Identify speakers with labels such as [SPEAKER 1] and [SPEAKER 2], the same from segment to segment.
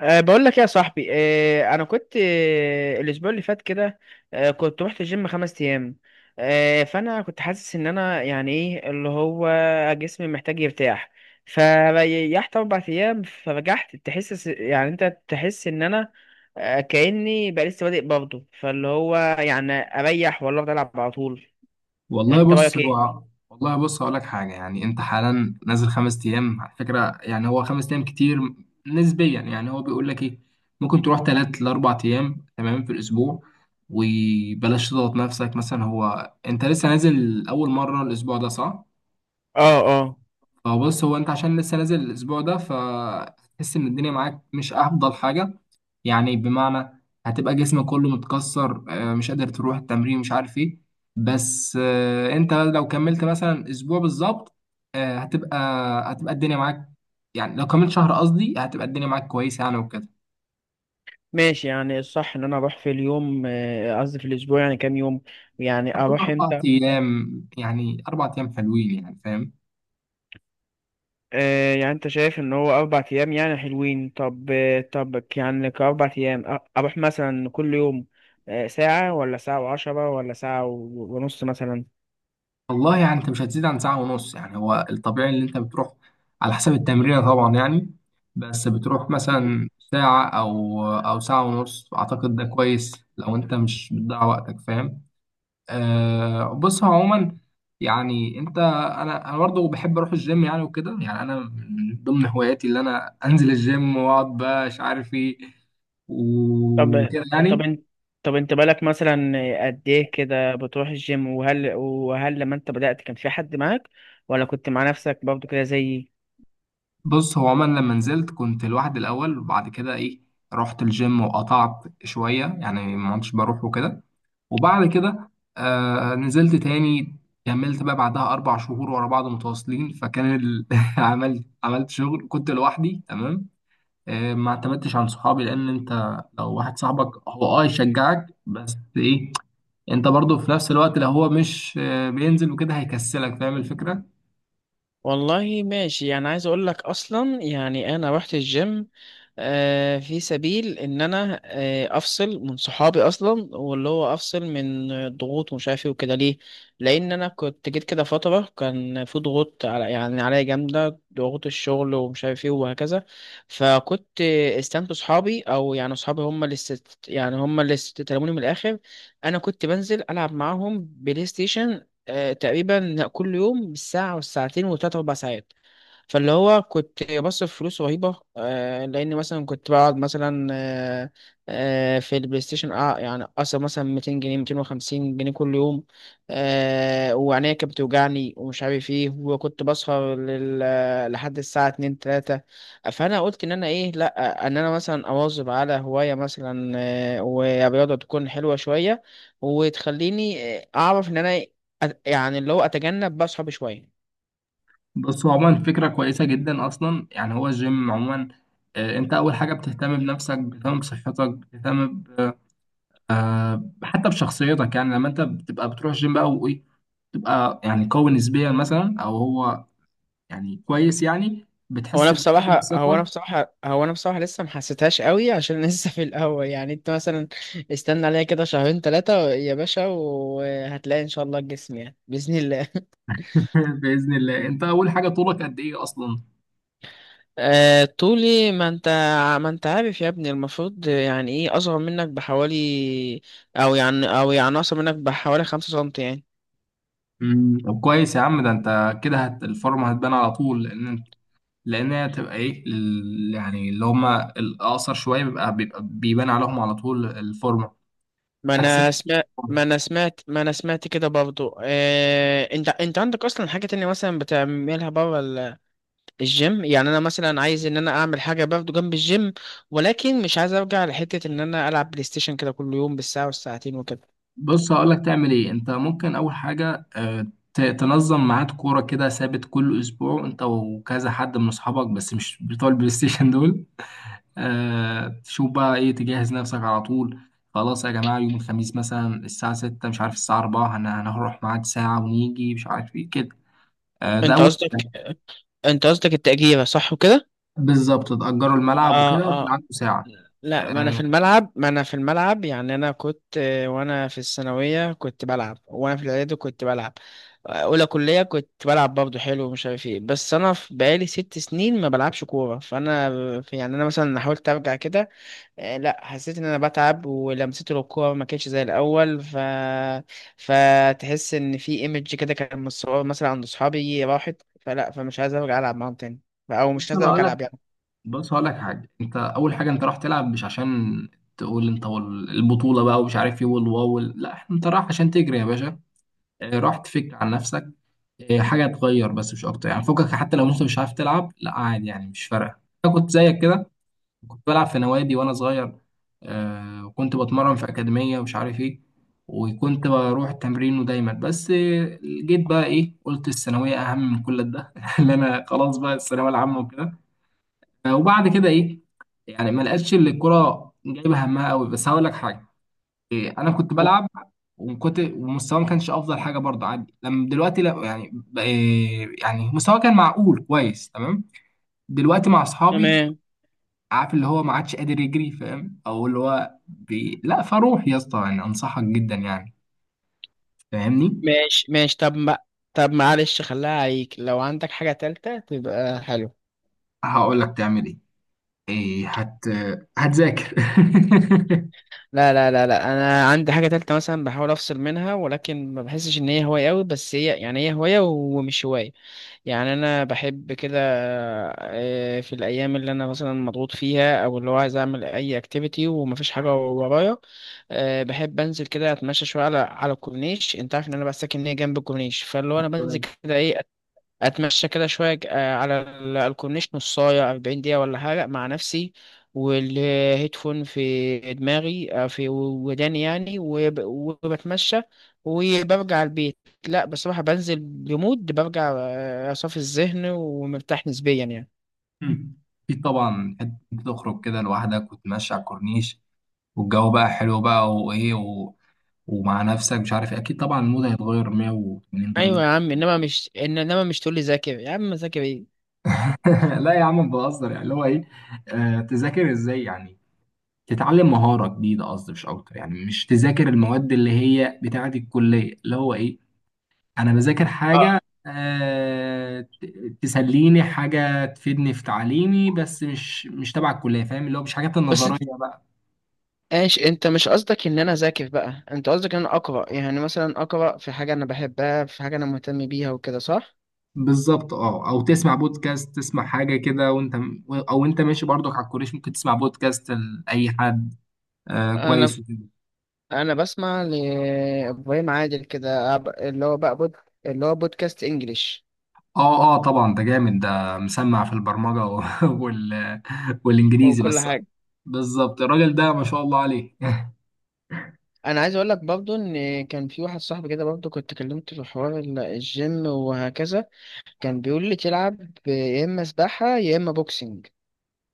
[SPEAKER 1] بقول لك ايه يا صاحبي، انا كنت الاسبوع اللي فات كده. كنت رحت الجيم خمس ايام. فانا كنت حاسس ان انا يعني ايه اللي هو جسمي محتاج يرتاح. فريحت اربع ايام، فرجعت تحس، يعني انت تحس ان انا كاني بقى لسه بادئ برضه، فاللي هو يعني اريح ولا افضل العب على طول؟
[SPEAKER 2] والله
[SPEAKER 1] انت
[SPEAKER 2] بص
[SPEAKER 1] رايك ايه؟
[SPEAKER 2] هو والله بص هقول لك حاجه. يعني انت حالا نازل خمس ايام على فكره، يعني هو خمس ايام كتير نسبيا. يعني هو بيقول لك ايه، ممكن تروح ثلاث لاربع ايام تمام في الاسبوع. وبلاش تضغط نفسك مثلا، هو انت لسه نازل اول مره الاسبوع ده، صح؟
[SPEAKER 1] اه، اه.
[SPEAKER 2] فبص، هو انت عشان لسه نازل الاسبوع ده فتحس ان الدنيا معاك مش افضل حاجه. يعني بمعنى هتبقى جسمك كله متكسر، مش قادر تروح التمرين، مش عارف ايه. بس، انت لو كملت مثلا اسبوع بالظبط، آه، هتبقى هتبقى الدنيا معاك. يعني لو كملت شهر، قصدي هتبقى الدنيا معاك كويسة، يعني وكده.
[SPEAKER 1] ماشي، يعني الصح ان انا اروح في اليوم قصدي في الاسبوع، يعني كام يوم؟ يعني
[SPEAKER 2] هتكون
[SPEAKER 1] اروح
[SPEAKER 2] اربع
[SPEAKER 1] امتى؟
[SPEAKER 2] ايام، يعني اربع ايام حلوين، يعني فاهم؟
[SPEAKER 1] يعني انت شايف ان هو اربع ايام يعني حلوين. طب طب يعني كاربع ايام، اروح مثلا كل يوم ساعة، ولا ساعة وعشرة، ولا ساعة ونص مثلا؟
[SPEAKER 2] والله يعني انت مش هتزيد عن ساعة ونص، يعني هو الطبيعي اللي انت بتروح. على حسب التمرين طبعا يعني. بس بتروح مثلا ساعة او ساعة ونص، اعتقد ده كويس لو انت مش بتضيع وقتك، فاهم؟ بص هو عموما، يعني انت انا برضه بحب اروح الجيم يعني وكده، يعني انا من ضمن هواياتي اللي انا انزل الجيم واقعد بقى مش عارف ايه
[SPEAKER 1] طب
[SPEAKER 2] وكده
[SPEAKER 1] طب
[SPEAKER 2] يعني.
[SPEAKER 1] انت طب انت بالك مثلا قد ايه كده بتروح الجيم؟ وهل لما انت بدأت كان في حد معاك، ولا كنت مع نفسك برضه كده زيي؟
[SPEAKER 2] بص هو عموما لما نزلت كنت لوحدي الاول، وبعد كده ايه، رحت الجيم وقطعت شويه، يعني ما كنتش بروح وكده. وبعد كده نزلت تاني. كملت بقى بعدها اربع شهور ورا بعض متواصلين، فكان عملت شغل، كنت لوحدي تمام. ما اعتمدتش على صحابي، لان انت لو واحد صاحبك هو يشجعك بس ايه، انت برضو في نفس الوقت لو هو مش بينزل وكده هيكسلك، فاهم الفكره؟
[SPEAKER 1] والله ماشي، يعني عايز اقول لك اصلا، يعني انا رحت الجيم في سبيل ان انا افصل من صحابي اصلا، واللي هو افصل من ضغوط ومش عارف ايه وكده، ليه؟ لان انا كنت جيت كده فتره كان في ضغوط يعني عليا جامده، ضغوط الشغل ومش عارف ايه وهكذا. فكنت استنت صحابي، او يعني صحابي هم اللي يعني هم اللي استلموني من الاخر. انا كنت بنزل العب معاهم بلاي ستيشن تقريبا كل يوم بالساعة والساعتين وتلات أربع ساعات. فاللي هو كنت بصرف فلوس رهيبة، لأن مثلا كنت بقعد مثلا في البلاي ستيشن، يعني أصرف مثلا 200 جنيه 250 جنيه كل يوم. وعينيا كانت بتوجعني ومش عارف إيه، وكنت بسهر لحد الساعة 2 3. فأنا قلت إن أنا إيه، لأ، إن أنا مثلا أواظب على هواية، مثلا ورياضة تكون حلوة شوية، وتخليني أعرف إن أنا يعني اللي هو أتجنب بقى صحابي شوية.
[SPEAKER 2] بص هو عموما فكرة كويسة جدا أصلا، يعني هو الجيم عموما، أنت أول حاجة بتهتم بنفسك، بتهتم بصحتك، بتهتم حتى بشخصيتك. يعني لما أنت بتبقى بتروح الجيم بقى وإيه، تبقى يعني قوي نسبيا مثلا، أو هو يعني كويس، يعني
[SPEAKER 1] هو انا
[SPEAKER 2] بتحس
[SPEAKER 1] بصراحه هو انا
[SPEAKER 2] بثقة.
[SPEAKER 1] بصراحه هو انا بصراحه لسه ما حسيتهاش قوي عشان لسه في الاول، يعني انت مثلا استنى عليا كده شهرين ثلاثه يا باشا، وهتلاقي ان شاء الله الجسم يعني باذن الله.
[SPEAKER 2] بإذن الله. أنت أول حاجة، طولك قد إيه أصلا؟
[SPEAKER 1] طولي، ما انت عارف يا ابني، المفروض يعني ايه، اصغر منك بحوالي او يعني اصغر منك بحوالي خمسة سنتي يعني.
[SPEAKER 2] طب كويس يا عم. ده أنت كده الفورمة هتبان على طول، لأن هي تبقى ايه يعني اللي هم الاقصر شويه بيبقى بيبان عليهم على طول الفورمه،
[SPEAKER 1] ما
[SPEAKER 2] عكس
[SPEAKER 1] انا سمعت ما
[SPEAKER 2] الفورمة.
[SPEAKER 1] انا سمعت ما انا سمعت كده برضو. انت عندك اصلا حاجه تانية مثلا بتعملها بره الجيم؟ يعني انا مثلا عايز ان انا اعمل حاجه برضه جنب الجيم، ولكن مش عايز ارجع لحته ان انا العب بلاي ستيشن كده كل يوم بالساعه والساعتين وكده.
[SPEAKER 2] بص هقول لك تعمل ايه، انت ممكن اول حاجه تنظم ميعاد كوره كده ثابت كل اسبوع، انت وكذا حد من اصحابك بس مش بتوع البلاي ستيشن دول. تشوف بقى ايه، تجهز نفسك على طول. خلاص يا جماعه، يوم الخميس مثلا الساعه 6، مش عارف الساعه 4، هنروح ميعاد ساعه ونيجي مش عارف ايه كده. ده
[SPEAKER 1] انت
[SPEAKER 2] اول.
[SPEAKER 1] قصدك انت قصدك التأجيرة صح وكده؟
[SPEAKER 2] بالظبط تأجروا الملعب وكده
[SPEAKER 1] اه،
[SPEAKER 2] وكان
[SPEAKER 1] اه.
[SPEAKER 2] عنده ساعة.
[SPEAKER 1] لا، ما انا في
[SPEAKER 2] آه،
[SPEAKER 1] الملعب ما انا في الملعب يعني انا كنت وانا في الثانويه كنت بلعب، وانا في الاعدادي كنت بلعب. اولى كليه كنت بلعب برضه حلو ومش عارف ايه، بس انا بقالي ست سنين ما بلعبش كوره، فانا يعني انا مثلا حاولت ارجع كده لا حسيت ان انا بتعب ولمسته للكوره ما كانتش زي الاول، فتحس ان في ايمج كده كان متصور مثلا عند اصحابي راحت، فلا، فمش عايز ارجع العب معاهم تاني، او مش
[SPEAKER 2] بص
[SPEAKER 1] عايز
[SPEAKER 2] أنا هقول
[SPEAKER 1] ارجع
[SPEAKER 2] لك
[SPEAKER 1] العب يعني.
[SPEAKER 2] بص هقول لك حاجة. أنت أول حاجة أنت رايح تلعب مش عشان تقول أنت البطولة بقى ومش عارف إيه لا أنت رايح عشان تجري يا باشا. رايح تفك عن نفسك، حاجة تغير بس مش أكتر، يعني فكك حتى لو أنت مش عارف تلعب لا عادي، يعني مش فارقة. أنا كنت زيك كده، كنت بلعب في نوادي وانا صغير. وكنت بتمرن في اكاديميه ومش عارف ايه، وكنت بروح التمرين ودايما، بس جيت بقى ايه، قلت الثانويه اهم من كل ده اللي انا خلاص بقى الثانويه العامه وكده. وبعد كده ايه، يعني ما لقيتش اللي الكوره جايبه همها قوي، بس هقول لك حاجه. إيه، انا كنت بلعب، وكنت ومستواي ما كانش افضل حاجه برضه عادي. لما دلوقتي لا، يعني إيه، يعني مستواي كان معقول كويس تمام. دلوقتي مع اصحابي،
[SPEAKER 1] تمام.
[SPEAKER 2] عارف اللي هو ما عادش قادر يجري، فاهم؟ او اللي هو لا فروح يا اسطى، يعني انصحك جدا يعني، فاهمني؟
[SPEAKER 1] ماشي، طب ما طب معلش، خليها عليك لو عندك حاجه تالتة تبقى حلو.
[SPEAKER 2] هقول لك تعمل ايه، ايه هتذاكر.
[SPEAKER 1] لا، لا، لا، لا، انا عندي حاجه تالتة مثلا بحاول افصل منها، ولكن ما بحسش ان هي هوايه قوي، بس هي يعني هي هوايه ومش هوايه. يعني انا بحب كده في الايام اللي انا مثلا مضغوط فيها، او اللي هو عايز اعمل اي اكتيفيتي ومفيش حاجه ورايا، بحب انزل كده اتمشى شويه على الكورنيش. انت عارف ان انا بقى ساكن هنا جنب الكورنيش، فاللي هو انا بنزل
[SPEAKER 2] تمام.
[SPEAKER 1] كده ايه، اتمشى كده شويه على الكورنيش نصايه 40 دقيقه ولا حاجه مع نفسي، والهيدفون في دماغي في وداني يعني، وبتمشى وبرجع البيت. لا بصراحه بنزل بمود، برجع صافي الذهن ومرتاح نسبيا يعني.
[SPEAKER 2] مم. في طبعا حتة تخرج كده لوحدك وتمشي على الكورنيش، والجو بقى حلو بقى وايه ومع نفسك مش عارف إيه. اكيد طبعا المود هيتغير 180 درجة.
[SPEAKER 1] ايوه يا عم، انما مش انما مش تقول لي ذاكر، يا عم ذاكر ايه؟
[SPEAKER 2] لا يا عم بهزر، يعني اللي هو ايه، تذاكر ازاي يعني. تتعلم مهارة جديدة قصدي، مش أكتر، يعني مش تذاكر المواد اللي هي بتاعة الكلية اللي هو إيه. أنا بذاكر حاجة، تسليني حاجة تفيدني في تعليمي، بس مش تبع الكلية، فاهم؟ اللي هو مش حاجات
[SPEAKER 1] بس انت،
[SPEAKER 2] النظرية بقى.
[SPEAKER 1] ايش، انت مش قصدك ان انا اذاكر، بقى انت قصدك ان انا اقرا، يعني مثلا اقرا في حاجه انا بحبها، في حاجه انا مهتم بيها وكده صح؟
[SPEAKER 2] بالظبط. أه، أو تسمع بودكاست، تسمع حاجة كده وأنت، أو أنت ماشي برضك على الكورنيش ممكن تسمع بودكاست لأي حد.
[SPEAKER 1] انا
[SPEAKER 2] كويس وكده.
[SPEAKER 1] انا بسمع لابراهيم عادل كده اللي هو بقى اللي هو بودكاست انجليش
[SPEAKER 2] أه أه طبعا، ده جامد، ده مسمع في البرمجة وال... والإنجليزي
[SPEAKER 1] وكل
[SPEAKER 2] بس.
[SPEAKER 1] حاجه.
[SPEAKER 2] بالظبط الراجل ده ما شاء الله عليه.
[SPEAKER 1] انا عايز اقول لك برضو ان كان في واحد صاحبي كده برضو، كنت كلمته في حوار الجيم وهكذا. كان بيقول لي تلعب يا اما سباحه يا اما بوكسنج،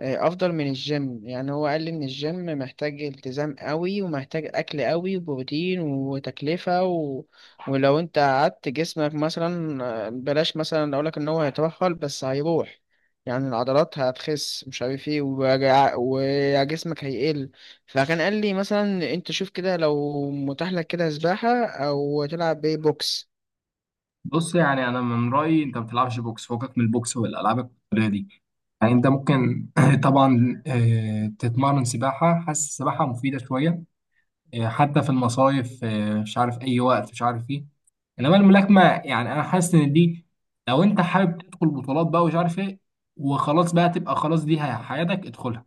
[SPEAKER 1] افضل من الجيم. يعني هو قال لي ان الجيم محتاج التزام قوي ومحتاج اكل قوي وبروتين وتكلفة و... ولو انت قعدت جسمك مثلا بلاش مثلا اقولك ان هو هيترهل، بس هيروح يعني العضلات هتخس مش عارف ايه، وجسمك هيقل. فكان قال لي مثلا انت شوف كده لو متاح لك كده سباحة او تلعب بيه بوكس.
[SPEAKER 2] بص يعني انا من رايي انت ما بتلعبش بوكس، فوقك من البوكس والالعاب القتاليه دي. يعني انت ممكن طبعا، تتمرن سباحه، حاسس السباحه مفيده شويه. حتى في المصايف، مش عارف اي وقت مش عارف ايه. انما الملاكمه، يعني انا حاسس ان دي، لو انت حابب تدخل بطولات بقى ومش عارف ايه وخلاص بقى، تبقى خلاص دي حياتك، ادخلها.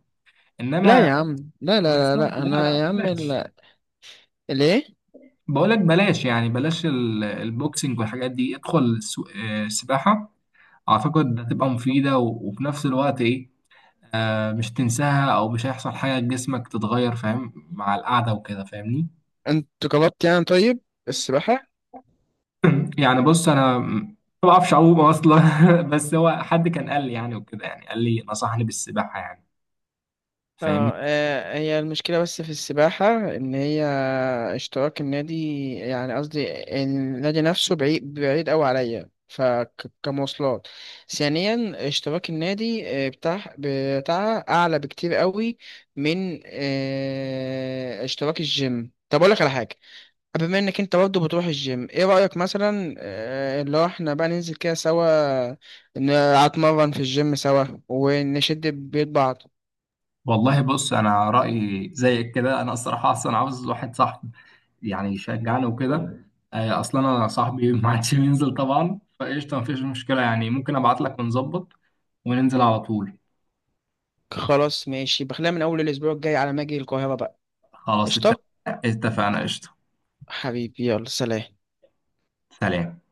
[SPEAKER 1] لا
[SPEAKER 2] انما
[SPEAKER 1] يا عم، لا، لا، لا،
[SPEAKER 2] بالظبط،
[SPEAKER 1] لا.
[SPEAKER 2] لا،
[SPEAKER 1] انا
[SPEAKER 2] لا،
[SPEAKER 1] يا عم
[SPEAKER 2] بلاش.
[SPEAKER 1] ليه؟
[SPEAKER 2] بقولك بلاش، يعني بلاش البوكسنج والحاجات دي، ادخل السباحة. أعتقد هتبقى مفيدة وفي نفس الوقت إيه، مش تنساها أو مش هيحصل حاجة لجسمك تتغير، فاهم مع القعدة وكده، فاهمني؟
[SPEAKER 1] انت جربت يعني، طيب، السباحة؟
[SPEAKER 2] يعني بص أنا ما بعرفش أعوم أصلا. بس هو حد كان قال لي يعني وكده، يعني قال لي نصحني بالسباحة يعني، فاهمني؟
[SPEAKER 1] اه، هي المشكلة بس في السباحة ان هي اشتراك النادي، يعني قصدي النادي نفسه بعيد بعيد اوي عليا، فكمواصلات ثانيا اشتراك النادي بتاعها اعلى بكتير قوي من اشتراك الجيم. طب اقول لك على حاجة، بما انك انت برضه بتروح الجيم، ايه رأيك مثلا لو احنا بقى ننزل كده سوا، نتمرن في الجيم سوا ونشد بيد بعض.
[SPEAKER 2] والله بص، أنا رأيي زيك كده. أنا الصراحة أصلا عاوز واحد صاحبي يعني يشجعني وكده. اصلا انا صاحبي ما عادش بينزل طبعا، فقشطه مفيش مشكله، يعني ممكن ابعت لك ونظبط وننزل على طول.
[SPEAKER 1] خلاص ماشي، بخليها من اول الاسبوع الجاي على ما اجي القاهرة بقى.
[SPEAKER 2] خلاص
[SPEAKER 1] قشطة.
[SPEAKER 2] اتفقنا قشطه.
[SPEAKER 1] حبيبي، يلا سلام.
[SPEAKER 2] سلام.